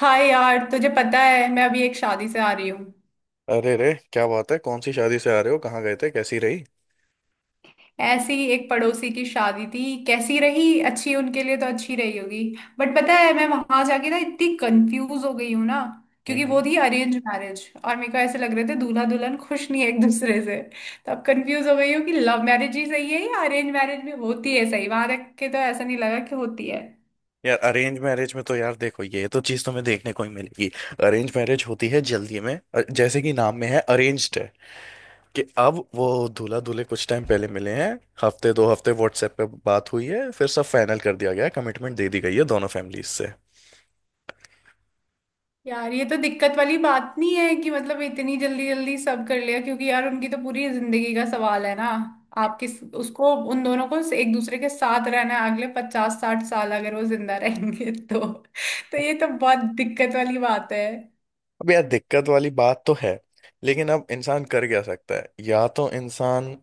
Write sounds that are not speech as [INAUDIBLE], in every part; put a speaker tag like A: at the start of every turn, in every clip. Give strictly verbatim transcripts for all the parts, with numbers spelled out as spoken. A: हाय यार, तुझे पता है मैं अभी एक शादी से आ रही हूँ।
B: अरे रे, क्या बात है? कौन सी शादी से आ रहे हो? कहाँ गए थे? कैसी रही?
A: ऐसी ही एक पड़ोसी की शादी थी। कैसी रही? अच्छी, उनके लिए तो अच्छी रही होगी। बट पता है, मैं वहां जाके ना इतनी कंफ्यूज हो गई हूँ ना, क्योंकि वो
B: हम्म।
A: थी अरेंज मैरिज और मेरे को ऐसे लग रहे थे दूल्हा दुल्हन खुश नहीं है एक दूसरे से। तो अब कंफ्यूज हो गई हूँ कि लव मैरिज ही सही है या अरेंज मैरिज में होती है सही। वहां देख के तो ऐसा नहीं लगा कि होती है।
B: यार, अरेंज मैरिज में तो यार देखो, ये तो चीज तुम्हें देखने को ही मिलेगी। अरेंज मैरिज होती है जल्दी में, अ- जैसे कि नाम में है अरेंज्ड है। कि अब वो दूल्हा दूल्हे कुछ टाइम पहले मिले हैं। हफ्ते दो हफ्ते व्हाट्सएप पे बात हुई है, फिर सब फाइनल कर दिया गया है, कमिटमेंट दे दी गई है दोनों फैमिलीज से।
A: यार, ये तो दिक्कत वाली बात नहीं है कि मतलब इतनी जल्दी जल्दी सब कर लिया, क्योंकि यार उनकी तो पूरी जिंदगी का सवाल है ना। आप किस उसको उन दोनों को एक दूसरे के साथ रहना है अगले पचास साठ साल, अगर वो जिंदा रहेंगे तो। तो ये तो बहुत दिक्कत वाली बात है।
B: अब यार दिक्कत वाली बात तो है। लेकिन अब इंसान कर क्या सकता है? या तो इंसान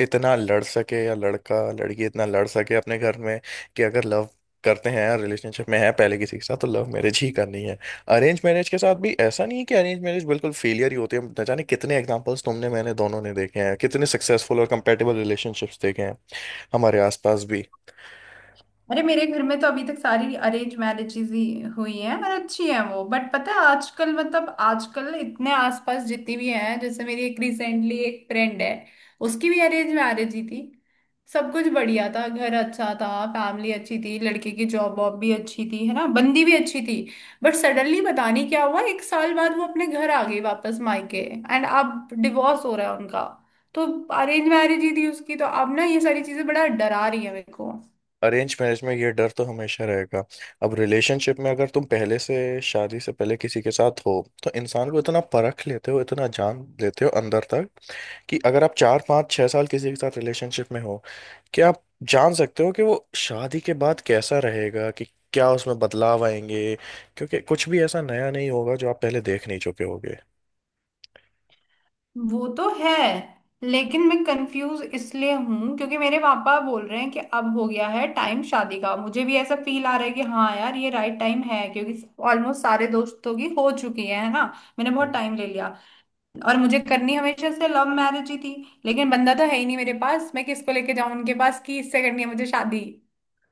B: इतना लड़ सके, या लड़का लड़की इतना लड़ सके अपने घर में कि अगर लव करते हैं या रिलेशनशिप में है पहले किसी के साथ, तो लव मैरिज ही करनी है। अरेंज मैरिज के साथ भी ऐसा नहीं है कि अरेंज मैरिज बिल्कुल फेलियर ही होती है। न जाने कितने एग्जांपल्स तुमने मैंने दोनों ने देखे हैं, कितने सक्सेसफुल और कंपेटेबल रिलेशनशिप्स देखे हैं हमारे आसपास भी।
A: अरे, मेरे घर में तो अभी तक सारी अरेंज मैरिजेज ही हुई हैं और अच्छी हैं वो। बट पता है, आजकल मतलब आजकल इतने आसपास जितनी भी हैं, जैसे मेरी एक रिसेंटली एक फ्रेंड है, उसकी भी अरेंज मैरिज ही थी। सब कुछ बढ़िया था, घर अच्छा था, फैमिली अच्छी थी, लड़के की जॉब वॉब भी अच्छी थी, है ना, बंदी भी अच्छी थी। बट सडनली पता नहीं क्या हुआ, एक साल बाद वो अपने घर आ गई वापस मायके। एंड अब डिवोर्स हो रहा है उनका। तो अरेंज मैरिज ही थी उसकी, तो अब ना ये सारी चीजें बड़ा डरा रही है मेरे को।
B: अरेंज मैरिज में ये डर तो हमेशा रहेगा। अब रिलेशनशिप में अगर तुम पहले से, शादी से पहले किसी के साथ हो, तो इंसान को इतना परख लेते हो, इतना जान लेते हो अंदर तक। कि अगर आप चार पाँच छह साल किसी के साथ रिलेशनशिप में हो, क्या आप जान सकते हो कि वो शादी के बाद कैसा रहेगा? कि क्या उसमें बदलाव आएंगे? क्योंकि कुछ भी ऐसा नया नहीं होगा जो आप पहले देख नहीं चुके होगे।
A: वो तो है, लेकिन मैं कंफ्यूज इसलिए हूँ क्योंकि मेरे पापा बोल रहे हैं कि अब हो गया है टाइम शादी का, मुझे भी ऐसा फील आ रहा है कि हाँ यार, ये राइट टाइम है क्योंकि ऑलमोस्ट सारे दोस्तों की हो चुकी है है ना, मैंने
B: हम्म।
A: बहुत टाइम ले लिया। और मुझे करनी हमेशा से लव मैरिज ही थी, लेकिन बंदा तो है ही नहीं मेरे पास। मैं किसको लेके जाऊँ उनके पास कि इससे करनी है मुझे शादी।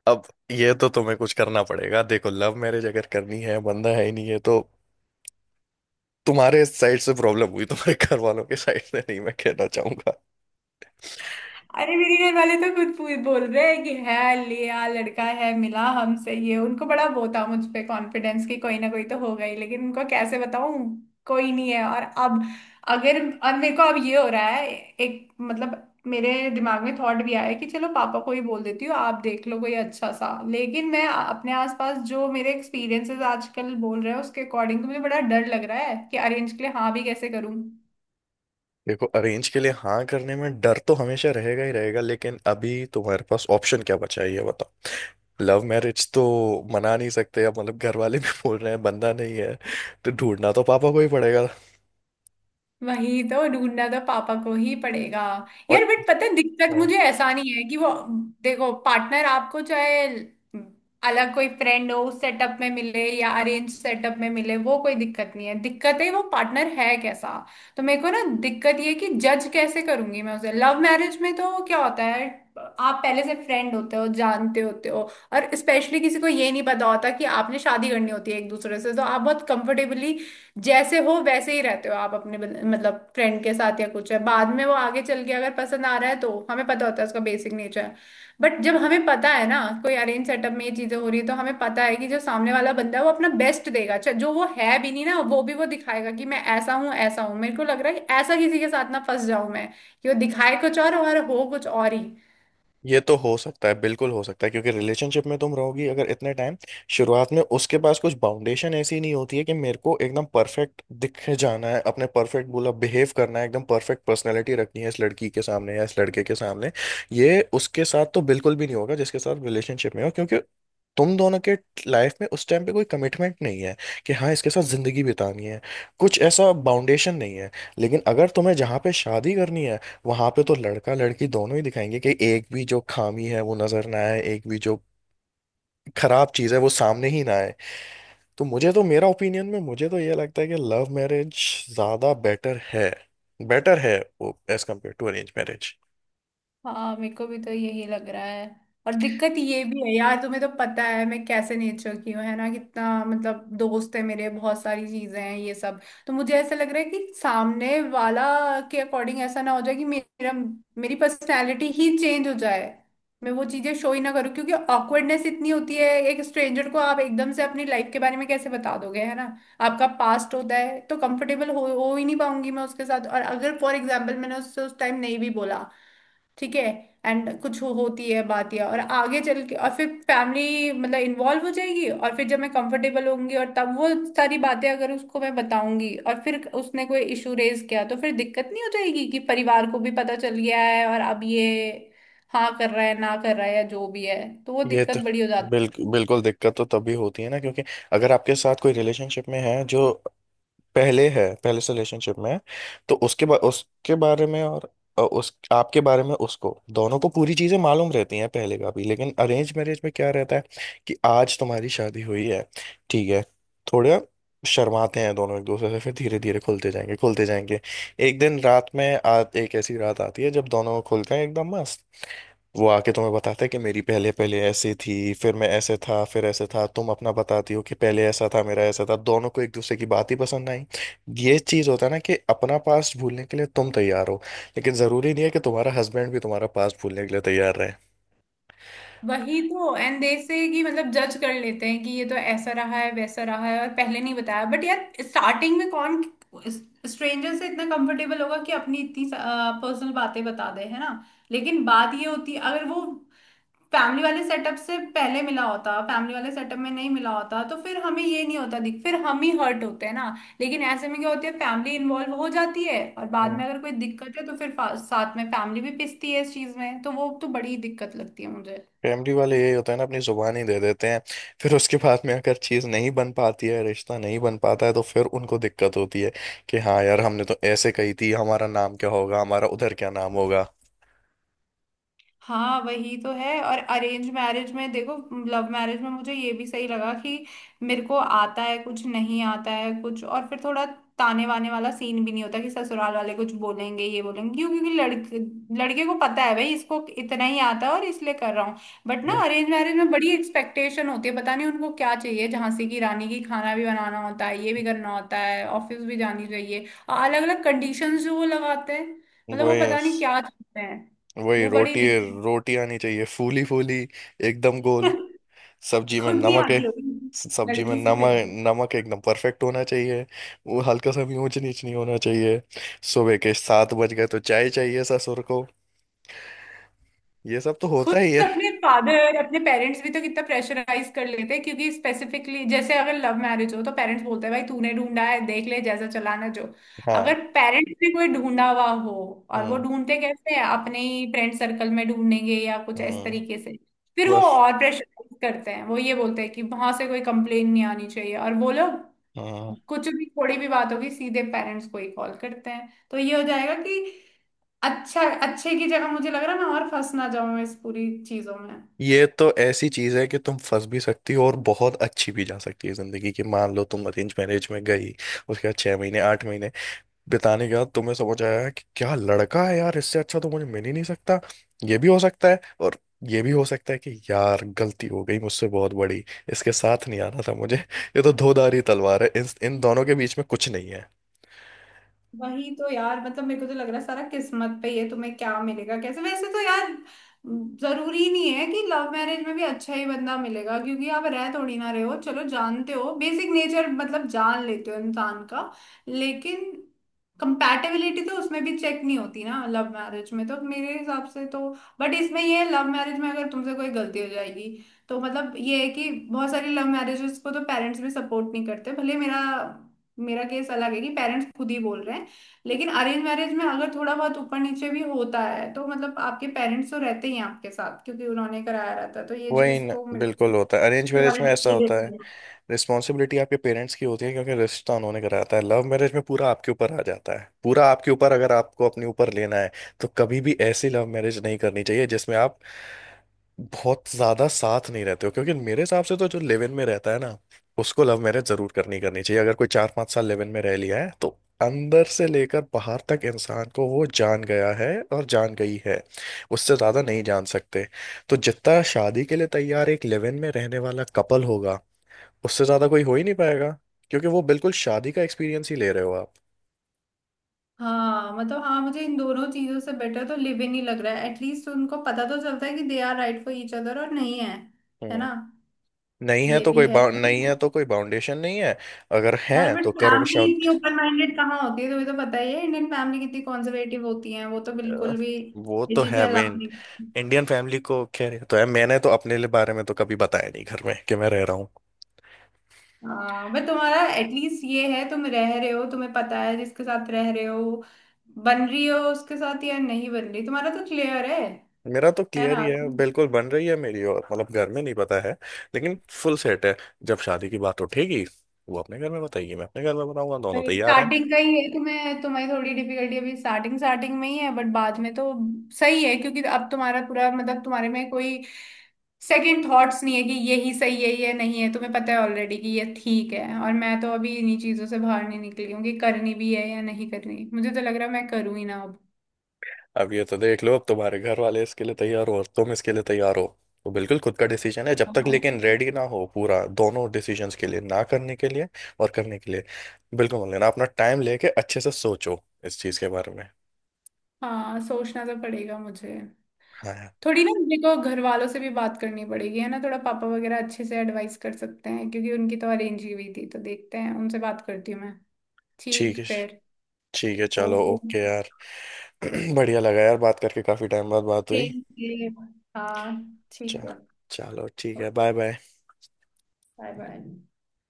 B: अब ये तो तुम्हें कुछ करना पड़ेगा। देखो, लव मैरिज अगर करनी है, बंदा है ही नहीं है तो तुम्हारे साइड से प्रॉब्लम हुई, तुम्हारे घर वालों के साइड से नहीं, मैं कहना चाहूंगा।
A: अरे, मेरे घर वाले तो खुद पू- बोल रहे हैं कि है लिया लड़का है मिला हमसे, ये उनको बड़ा वो था मुझ पे कॉन्फिडेंस कि कोई ना कोई तो होगा ही, लेकिन उनको कैसे बताऊं कोई नहीं है। और अब अगर और मेरे को अब ये हो रहा है, एक मतलब मेरे दिमाग में थॉट भी आया कि चलो पापा को ही बोल देती हूँ आप देख लो कोई अच्छा सा, लेकिन मैं अपने आसपास जो मेरे एक्सपीरियंसेस आजकल बोल रहे हैं उसके अकॉर्डिंग तो मुझे बड़ा डर लग रहा है कि अरेंज के लिए हाँ भी कैसे करूँ।
B: देखो, अरेंज के लिए हाँ करने में डर तो हमेशा रहेगा ही रहेगा, लेकिन अभी तुम्हारे पास ऑप्शन क्या बचा है, ये बताओ। लव मैरिज तो मना नहीं सकते, अब मतलब घर वाले भी बोल रहे हैं बंदा नहीं है। तो ढूंढना तो पापा को ही पड़ेगा।
A: वही तो, ढूंढना तो पापा को ही पड़ेगा।
B: और,
A: यार बट पता है दिक्कत,
B: हाँ।
A: मुझे ऐसा नहीं है कि वो। देखो पार्टनर आपको चाहे अलग कोई फ्रेंड हो उस सेटअप में मिले या अरेंज सेटअप में मिले, वो कोई दिक्कत नहीं है। दिक्कत है वो पार्टनर है कैसा। तो मेरे को ना दिक्कत ये है कि जज कैसे करूंगी मैं उसे। लव मैरिज में तो क्या होता है, आप पहले से फ्रेंड होते हो, जानते होते हो, और स्पेशली किसी को ये नहीं पता होता कि आपने शादी करनी होती है एक दूसरे से, तो आप बहुत कंफर्टेबली जैसे हो वैसे ही रहते हो आप अपने बंद- मतलब फ्रेंड के साथ, या कुछ है बाद में वो आगे चल के अगर पसंद आ रहा है तो हमें पता होता है उसका बेसिक नेचर। बट जब हमें पता है ना कोई अरेंज सेटअप में ये चीजें हो रही है, तो हमें पता है कि जो सामने वाला बंदा है वो अपना बेस्ट देगा, चाहे जो वो है भी नहीं ना वो भी वो दिखाएगा कि मैं ऐसा हूँ ऐसा हूँ। मेरे को लग रहा है कि ऐसा किसी के साथ ना फंस जाऊं मैं, कि वो दिखाए कुछ और और हो कुछ और ही।
B: ये तो हो सकता है, बिल्कुल हो सकता है। क्योंकि रिलेशनशिप में तुम रहोगी अगर इतने टाइम, शुरुआत में उसके पास कुछ बाउंडेशन ऐसी नहीं होती है कि मेरे को एकदम परफेक्ट दिखे जाना है, अपने परफेक्ट बोला बिहेव करना है, एकदम परफेक्ट पर्सनैलिटी रखनी है इस लड़की के सामने या इस लड़के के सामने। ये उसके साथ तो बिल्कुल भी नहीं होगा जिसके साथ रिलेशनशिप में हो। क्योंकि तुम दोनों के लाइफ में उस टाइम पे कोई कमिटमेंट नहीं है कि हाँ, इसके साथ जिंदगी बितानी है। कुछ ऐसा बाउंडेशन नहीं है। लेकिन अगर तुम्हें जहाँ पे शादी करनी है, वहां पे तो लड़का लड़की दोनों ही दिखाएंगे कि एक भी जो खामी है वो नजर ना आए, एक भी जो खराब चीज है वो सामने ही ना आए। तो मुझे तो मेरा ओपिनियन में मुझे तो ये लगता है कि लव मैरिज ज्यादा बेटर है। बेटर है वो as compare to arrange marriage.
A: हाँ, मेरे को भी तो यही लग रहा है। और दिक्कत ये भी है यार, तुम्हें तो पता है मैं कैसे नेचर की हूँ, है ना, कितना मतलब दोस्त है मेरे, बहुत सारी चीजें हैं ये सब। तो मुझे ऐसा लग रहा है कि सामने वाला के अकॉर्डिंग ऐसा ना हो जाए कि मेरा मेरी पर्सनैलिटी ही चेंज हो जाए, मैं वो चीजें शो ही ना करूँ, क्योंकि ऑकवर्डनेस इतनी होती है, एक स्ट्रेंजर को आप एकदम से अपनी लाइफ के बारे में कैसे बता दोगे, है ना, आपका पास्ट होता है, तो कंफर्टेबल हो हो ही नहीं पाऊंगी मैं उसके साथ। और अगर फॉर एग्जाम्पल मैंने उससे उस टाइम नहीं भी बोला, ठीक है, एंड कुछ हो, होती है बात या और आगे चल के, और फिर फैमिली मतलब इन्वॉल्व हो जाएगी, और फिर जब मैं कंफर्टेबल होंगी और तब वो सारी बातें अगर उसको मैं बताऊंगी और फिर उसने कोई इशू रेज किया, तो फिर दिक्कत नहीं हो जाएगी कि परिवार को भी पता चल गया है और अब ये हाँ कर रहा है ना कर रहा है या जो भी है, तो वो
B: ये
A: दिक्कत
B: तो
A: बड़ी हो जाती है।
B: बिल्कुल बिल्कुल दिक्कत तो तभी होती है ना, क्योंकि अगर आपके साथ कोई रिलेशनशिप में है जो पहले है पहले से रिलेशनशिप में है, तो उसके बा, उसके बारे में और अ, उस आपके बारे में, उसको दोनों को पूरी चीजें मालूम रहती हैं पहले का भी। लेकिन अरेंज मैरिज में क्या रहता है कि आज तुम्हारी शादी हुई है, ठीक है, थोड़ा शर्माते हैं दोनों एक दूसरे से, फिर धीरे धीरे खुलते जाएंगे खुलते जाएंगे। एक दिन रात में आ, एक ऐसी रात आती है जब दोनों खुलते हैं एकदम मस्त। वो आके तुम्हें बताता है कि मेरी पहले पहले ऐसी थी, फिर मैं ऐसे था, फिर ऐसे था। तुम अपना बताती हो कि पहले ऐसा था, मेरा ऐसा था। दोनों को एक दूसरे की बात ही पसंद आई। ये चीज होता है ना कि अपना पास्ट भूलने के लिए तुम तैयार हो, लेकिन जरूरी नहीं है कि तुम्हारा हस्बैंड भी तुम्हारा पास्ट भूलने के लिए तैयार रहे।
A: वही तो, एंड दे से कि मतलब जज कर लेते हैं कि ये तो ऐसा रहा है वैसा रहा है और पहले नहीं बताया, बट यार स्टार्टिंग में कौन स्ट्रेंजर से इतना कंफर्टेबल होगा कि अपनी इतनी पर्सनल बातें बता दे, है ना। लेकिन बात ये होती है, अगर वो फैमिली वाले सेटअप से पहले मिला होता, फैमिली वाले सेटअप में नहीं मिला होता, तो फिर हमें ये नहीं होता दिख, फिर हम ही हर्ट होते हैं ना। लेकिन ऐसे में क्या होती है फैमिली इन्वॉल्व हो जाती है और बाद
B: हाँ।
A: में अगर कोई दिक्कत है, तो फिर फा- साथ में फैमिली भी पिसती है इस चीज में, तो वो तो बड़ी दिक्कत लगती है मुझे।
B: फैमिली वाले यही होता है ना, अपनी जुबान ही दे देते हैं। फिर उसके बाद में अगर चीज नहीं बन पाती है, रिश्ता नहीं बन पाता है, तो फिर उनको दिक्कत होती है कि हाँ यार, हमने तो ऐसे कही थी, हमारा नाम क्या होगा, हमारा उधर क्या नाम होगा।
A: हाँ, वही तो है। और अरेंज मैरिज में देखो, लव मैरिज में मुझे ये भी सही लगा कि मेरे को आता है कुछ, नहीं आता है कुछ, और फिर थोड़ा ताने वाने वाला सीन भी नहीं होता कि ससुराल वाले कुछ बोलेंगे ये बोलेंगे क्यों, क्योंकि लड़के लड़के को पता है भाई इसको इतना ही आता है और इसलिए कर रहा हूँ। बट ना
B: हम्म।
A: अरेंज मैरिज में बड़ी एक्सपेक्टेशन होती है, पता नहीं उनको क्या चाहिए, झांसी की रानी की खाना भी बनाना होता है ये भी करना होता है ऑफिस भी जानी चाहिए और अलग अलग कंडीशंस जो वो लगाते हैं। मतलब वो
B: वही
A: पता नहीं क्या चाहते हैं।
B: वही
A: वो बड़ी
B: रोटी,
A: दिक्कत
B: रोटी आनी चाहिए फूली फूली, एकदम गोल।
A: [LAUGHS]
B: सब्जी में
A: खुद नहीं
B: नमक है।
A: आती होगी
B: सब्जी में
A: लड़की से
B: नमक
A: चाहिए।
B: नमक एकदम परफेक्ट होना चाहिए। वो हल्का सा भी ऊंच नीच नहीं होना चाहिए। सुबह के सात बज गए तो चाय चाहिए ससुर को। ये सब तो
A: खुद
B: होता ही है।
A: अपने फादर अपने पेरेंट्स भी तो कितना प्रेशराइज कर लेते हैं, क्योंकि स्पेसिफिकली जैसे अगर लव मैरिज हो तो पेरेंट्स बोलते हैं भाई तूने ढूंढा है देख ले जैसा चलाना जो, अगर
B: हाँ।
A: पेरेंट्स ने कोई ढूंढा हुआ हो, और वो
B: हम्म।
A: ढूंढते कैसे हैं, अपने ही फ्रेंड सर्कल में ढूंढेंगे या कुछ इस
B: हम्म।
A: तरीके से। फिर वो
B: बस।
A: और प्रेशराइज करते हैं, वो ये बोलते हैं कि वहां से कोई कंप्लेन नहीं आनी चाहिए और वो लोग
B: हम्म।
A: कुछ भी थोड़ी भी बात होगी सीधे पेरेंट्स को ही कॉल करते हैं, तो ये हो जाएगा कि अच्छा अच्छे की जगह मुझे लग रहा है मैं और फंस ना जाऊं इस पूरी चीजों में।
B: ये तो ऐसी चीज है कि तुम फंस भी सकती हो, और बहुत अच्छी भी जा सकती है जिंदगी की। मान लो तुम अरेंज मैरिज में गई, उसके बाद छह महीने आठ महीने बिताने के बाद तुम्हें समझ आया कि क्या लड़का है यार, इससे अच्छा तो मुझे मिल ही नहीं सकता, ये भी हो सकता है। और ये भी हो सकता है कि यार गलती हो गई मुझसे बहुत बड़ी, इसके साथ नहीं आना था मुझे। [LAUGHS] ये तो धोधारी तलवार है, इन इन दोनों के बीच में कुछ नहीं है।
A: वही तो यार, मतलब मेरे को तो लग रहा है सारा किस्मत पे ही है, तुम्हें क्या मिलेगा कैसे वैसे। तो यार जरूरी नहीं है कि लव मैरिज में भी अच्छा ही बंदा मिलेगा, क्योंकि आप रह थोड़ी ना रहे हो, चलो जानते हो बेसिक नेचर मतलब जान लेते हो इंसान का, लेकिन कंपैटिबिलिटी तो उसमें भी चेक नहीं होती ना लव मैरिज में तो मेरे हिसाब से तो। बट इसमें ये है, लव मैरिज में अगर तुमसे कोई गलती हो जाएगी तो मतलब ये है कि बहुत सारी लव मैरिजेस को तो पेरेंट्स भी सपोर्ट नहीं करते, भले मेरा मेरा केस अलग है कि पेरेंट्स खुद ही बोल रहे हैं। लेकिन अरेंज मैरिज में अगर थोड़ा बहुत ऊपर नीचे भी होता है, तो मतलब आपके पेरेंट्स तो रहते ही हैं आपके साथ क्योंकि उन्होंने कराया रहता है, तो ये
B: वही
A: चीज
B: न,
A: तो मेरे को
B: बिल्कुल होता है, अरेंज मैरिज में
A: सिक्योरिटी
B: ऐसा
A: दे
B: होता है।
A: देती है।
B: रिस्पॉन्सिबिलिटी आपके पेरेंट्स की होती है, क्योंकि रिश्ता उन्होंने कराता है। लव मैरिज में पूरा आपके ऊपर आ जाता है, पूरा आपके ऊपर। अगर आपको अपने ऊपर लेना है तो कभी भी ऐसी लव मैरिज नहीं करनी चाहिए जिसमें आप बहुत ज्यादा साथ नहीं रहते हो। क्योंकि मेरे हिसाब से तो जो लिव इन में रहता है ना, उसको लव मैरिज जरूर करनी करनी चाहिए। अगर कोई चार पांच साल लिव इन में रह लिया है, तो अंदर से लेकर बाहर तक इंसान को वो जान गया है और जान गई है। उससे ज्यादा नहीं जान सकते। तो जितना शादी के लिए तैयार एक लिव इन में रहने वाला कपल होगा, उससे ज्यादा कोई हो ही नहीं पाएगा। क्योंकि वो बिल्कुल शादी का एक्सपीरियंस ही ले रहे हो आप।
A: हाँ, मतलब हाँ, मुझे इन दोनों चीजों से बेटर तो लिव इन ही लग रहा है, एटलीस्ट उनको पता तो चलता है कि they are right for each other और नहीं है। है
B: हम्म।
A: ना।
B: नहीं है
A: ये
B: तो
A: भी
B: कोई
A: है।
B: बाउ- नहीं है तो कोई बाउंडेशन नहीं है। अगर है
A: यार बट
B: तो करो
A: फैमिली इतनी
B: शादी।
A: ओपन माइंडेड कहाँ होती है, तुम्हें तो पता ही है इंडियन फैमिली कितनी कॉन्जर्वेटिव होती है, वो तो
B: अ,
A: बिल्कुल भी
B: वो
A: ये
B: तो
A: चीजें
B: है
A: अलाउ
B: मेन।
A: नहीं।
B: इंडियन फैमिली को खैर ये तो है, मैंने तो अपने लिए बारे में तो कभी बताया नहीं घर में कि मैं रह रहा हूँ।
A: हाँ बट तुम्हारा एटलीस्ट ये है तुम रह रहे हो, तुम्हें पता है जिसके साथ रह रहे हो, बन रही हो उसके साथ या नहीं बन रही, तुम्हारा तो क्लियर है।
B: मेरा तो
A: है
B: क्लियर
A: ना।
B: ही है, बिल्कुल बन रही है मेरी। और मतलब घर में नहीं पता है, लेकिन फुल सेट है। जब शादी की बात उठेगी, वो अपने घर में बताएगी, मैं अपने घर में बताऊंगा, दोनों तैयार हैं।
A: स्टार्टिंग का ही है तुम्हें, तुम्हारी थोड़ी डिफिकल्टी अभी स्टार्टिंग स्टार्टिंग में ही है बट बाद में तो सही है क्योंकि अब तुम्हारा पूरा मतलब तुम्हारे में कोई सेकंड थॉट्स नहीं है कि ये ही सही है ये नहीं है, तुम्हें पता है ऑलरेडी कि ये ठीक है। और मैं तो अभी इन्हीं चीजों से बाहर नहीं निकली हूँ कि करनी भी है या नहीं करनी, मुझे तो लग रहा है मैं करूँ ही ना।
B: अब ये तो देख लो, अब तुम्हारे घर वाले इसके लिए तैयार हो और तुम इसके लिए तैयार हो, तो बिल्कुल खुद का डिसीजन है। जब तक
A: अब
B: लेकिन रेडी ना हो पूरा दोनों डिसीजंस के लिए, ना करने के लिए और करने के लिए, बिल्कुल मान लेना। अपना टाइम लेके अच्छे से सोचो इस चीज़ के बारे में।
A: हाँ, सोचना तो पड़ेगा मुझे।
B: हाँ यार।
A: थोड़ी ना मेरे को घर वालों से भी बात करनी पड़ेगी, है ना, थोड़ा पापा वगैरह अच्छे से एडवाइस कर सकते हैं क्योंकि उनकी तो अरेंज ही हुई थी, तो देखते हैं, उनसे बात करती हूँ मैं।
B: ठीक
A: ठीक
B: है।
A: फिर।
B: ठीक है, चलो,
A: ओके।
B: ओके यार। [CLEARS THROAT] बढ़िया लगा यार बात करके, काफ़ी टाइम बाद बात हुई।
A: Thank you. हाँ, ठीक है।
B: चा- चलो ठीक है, बाय बाय।
A: Bye bye.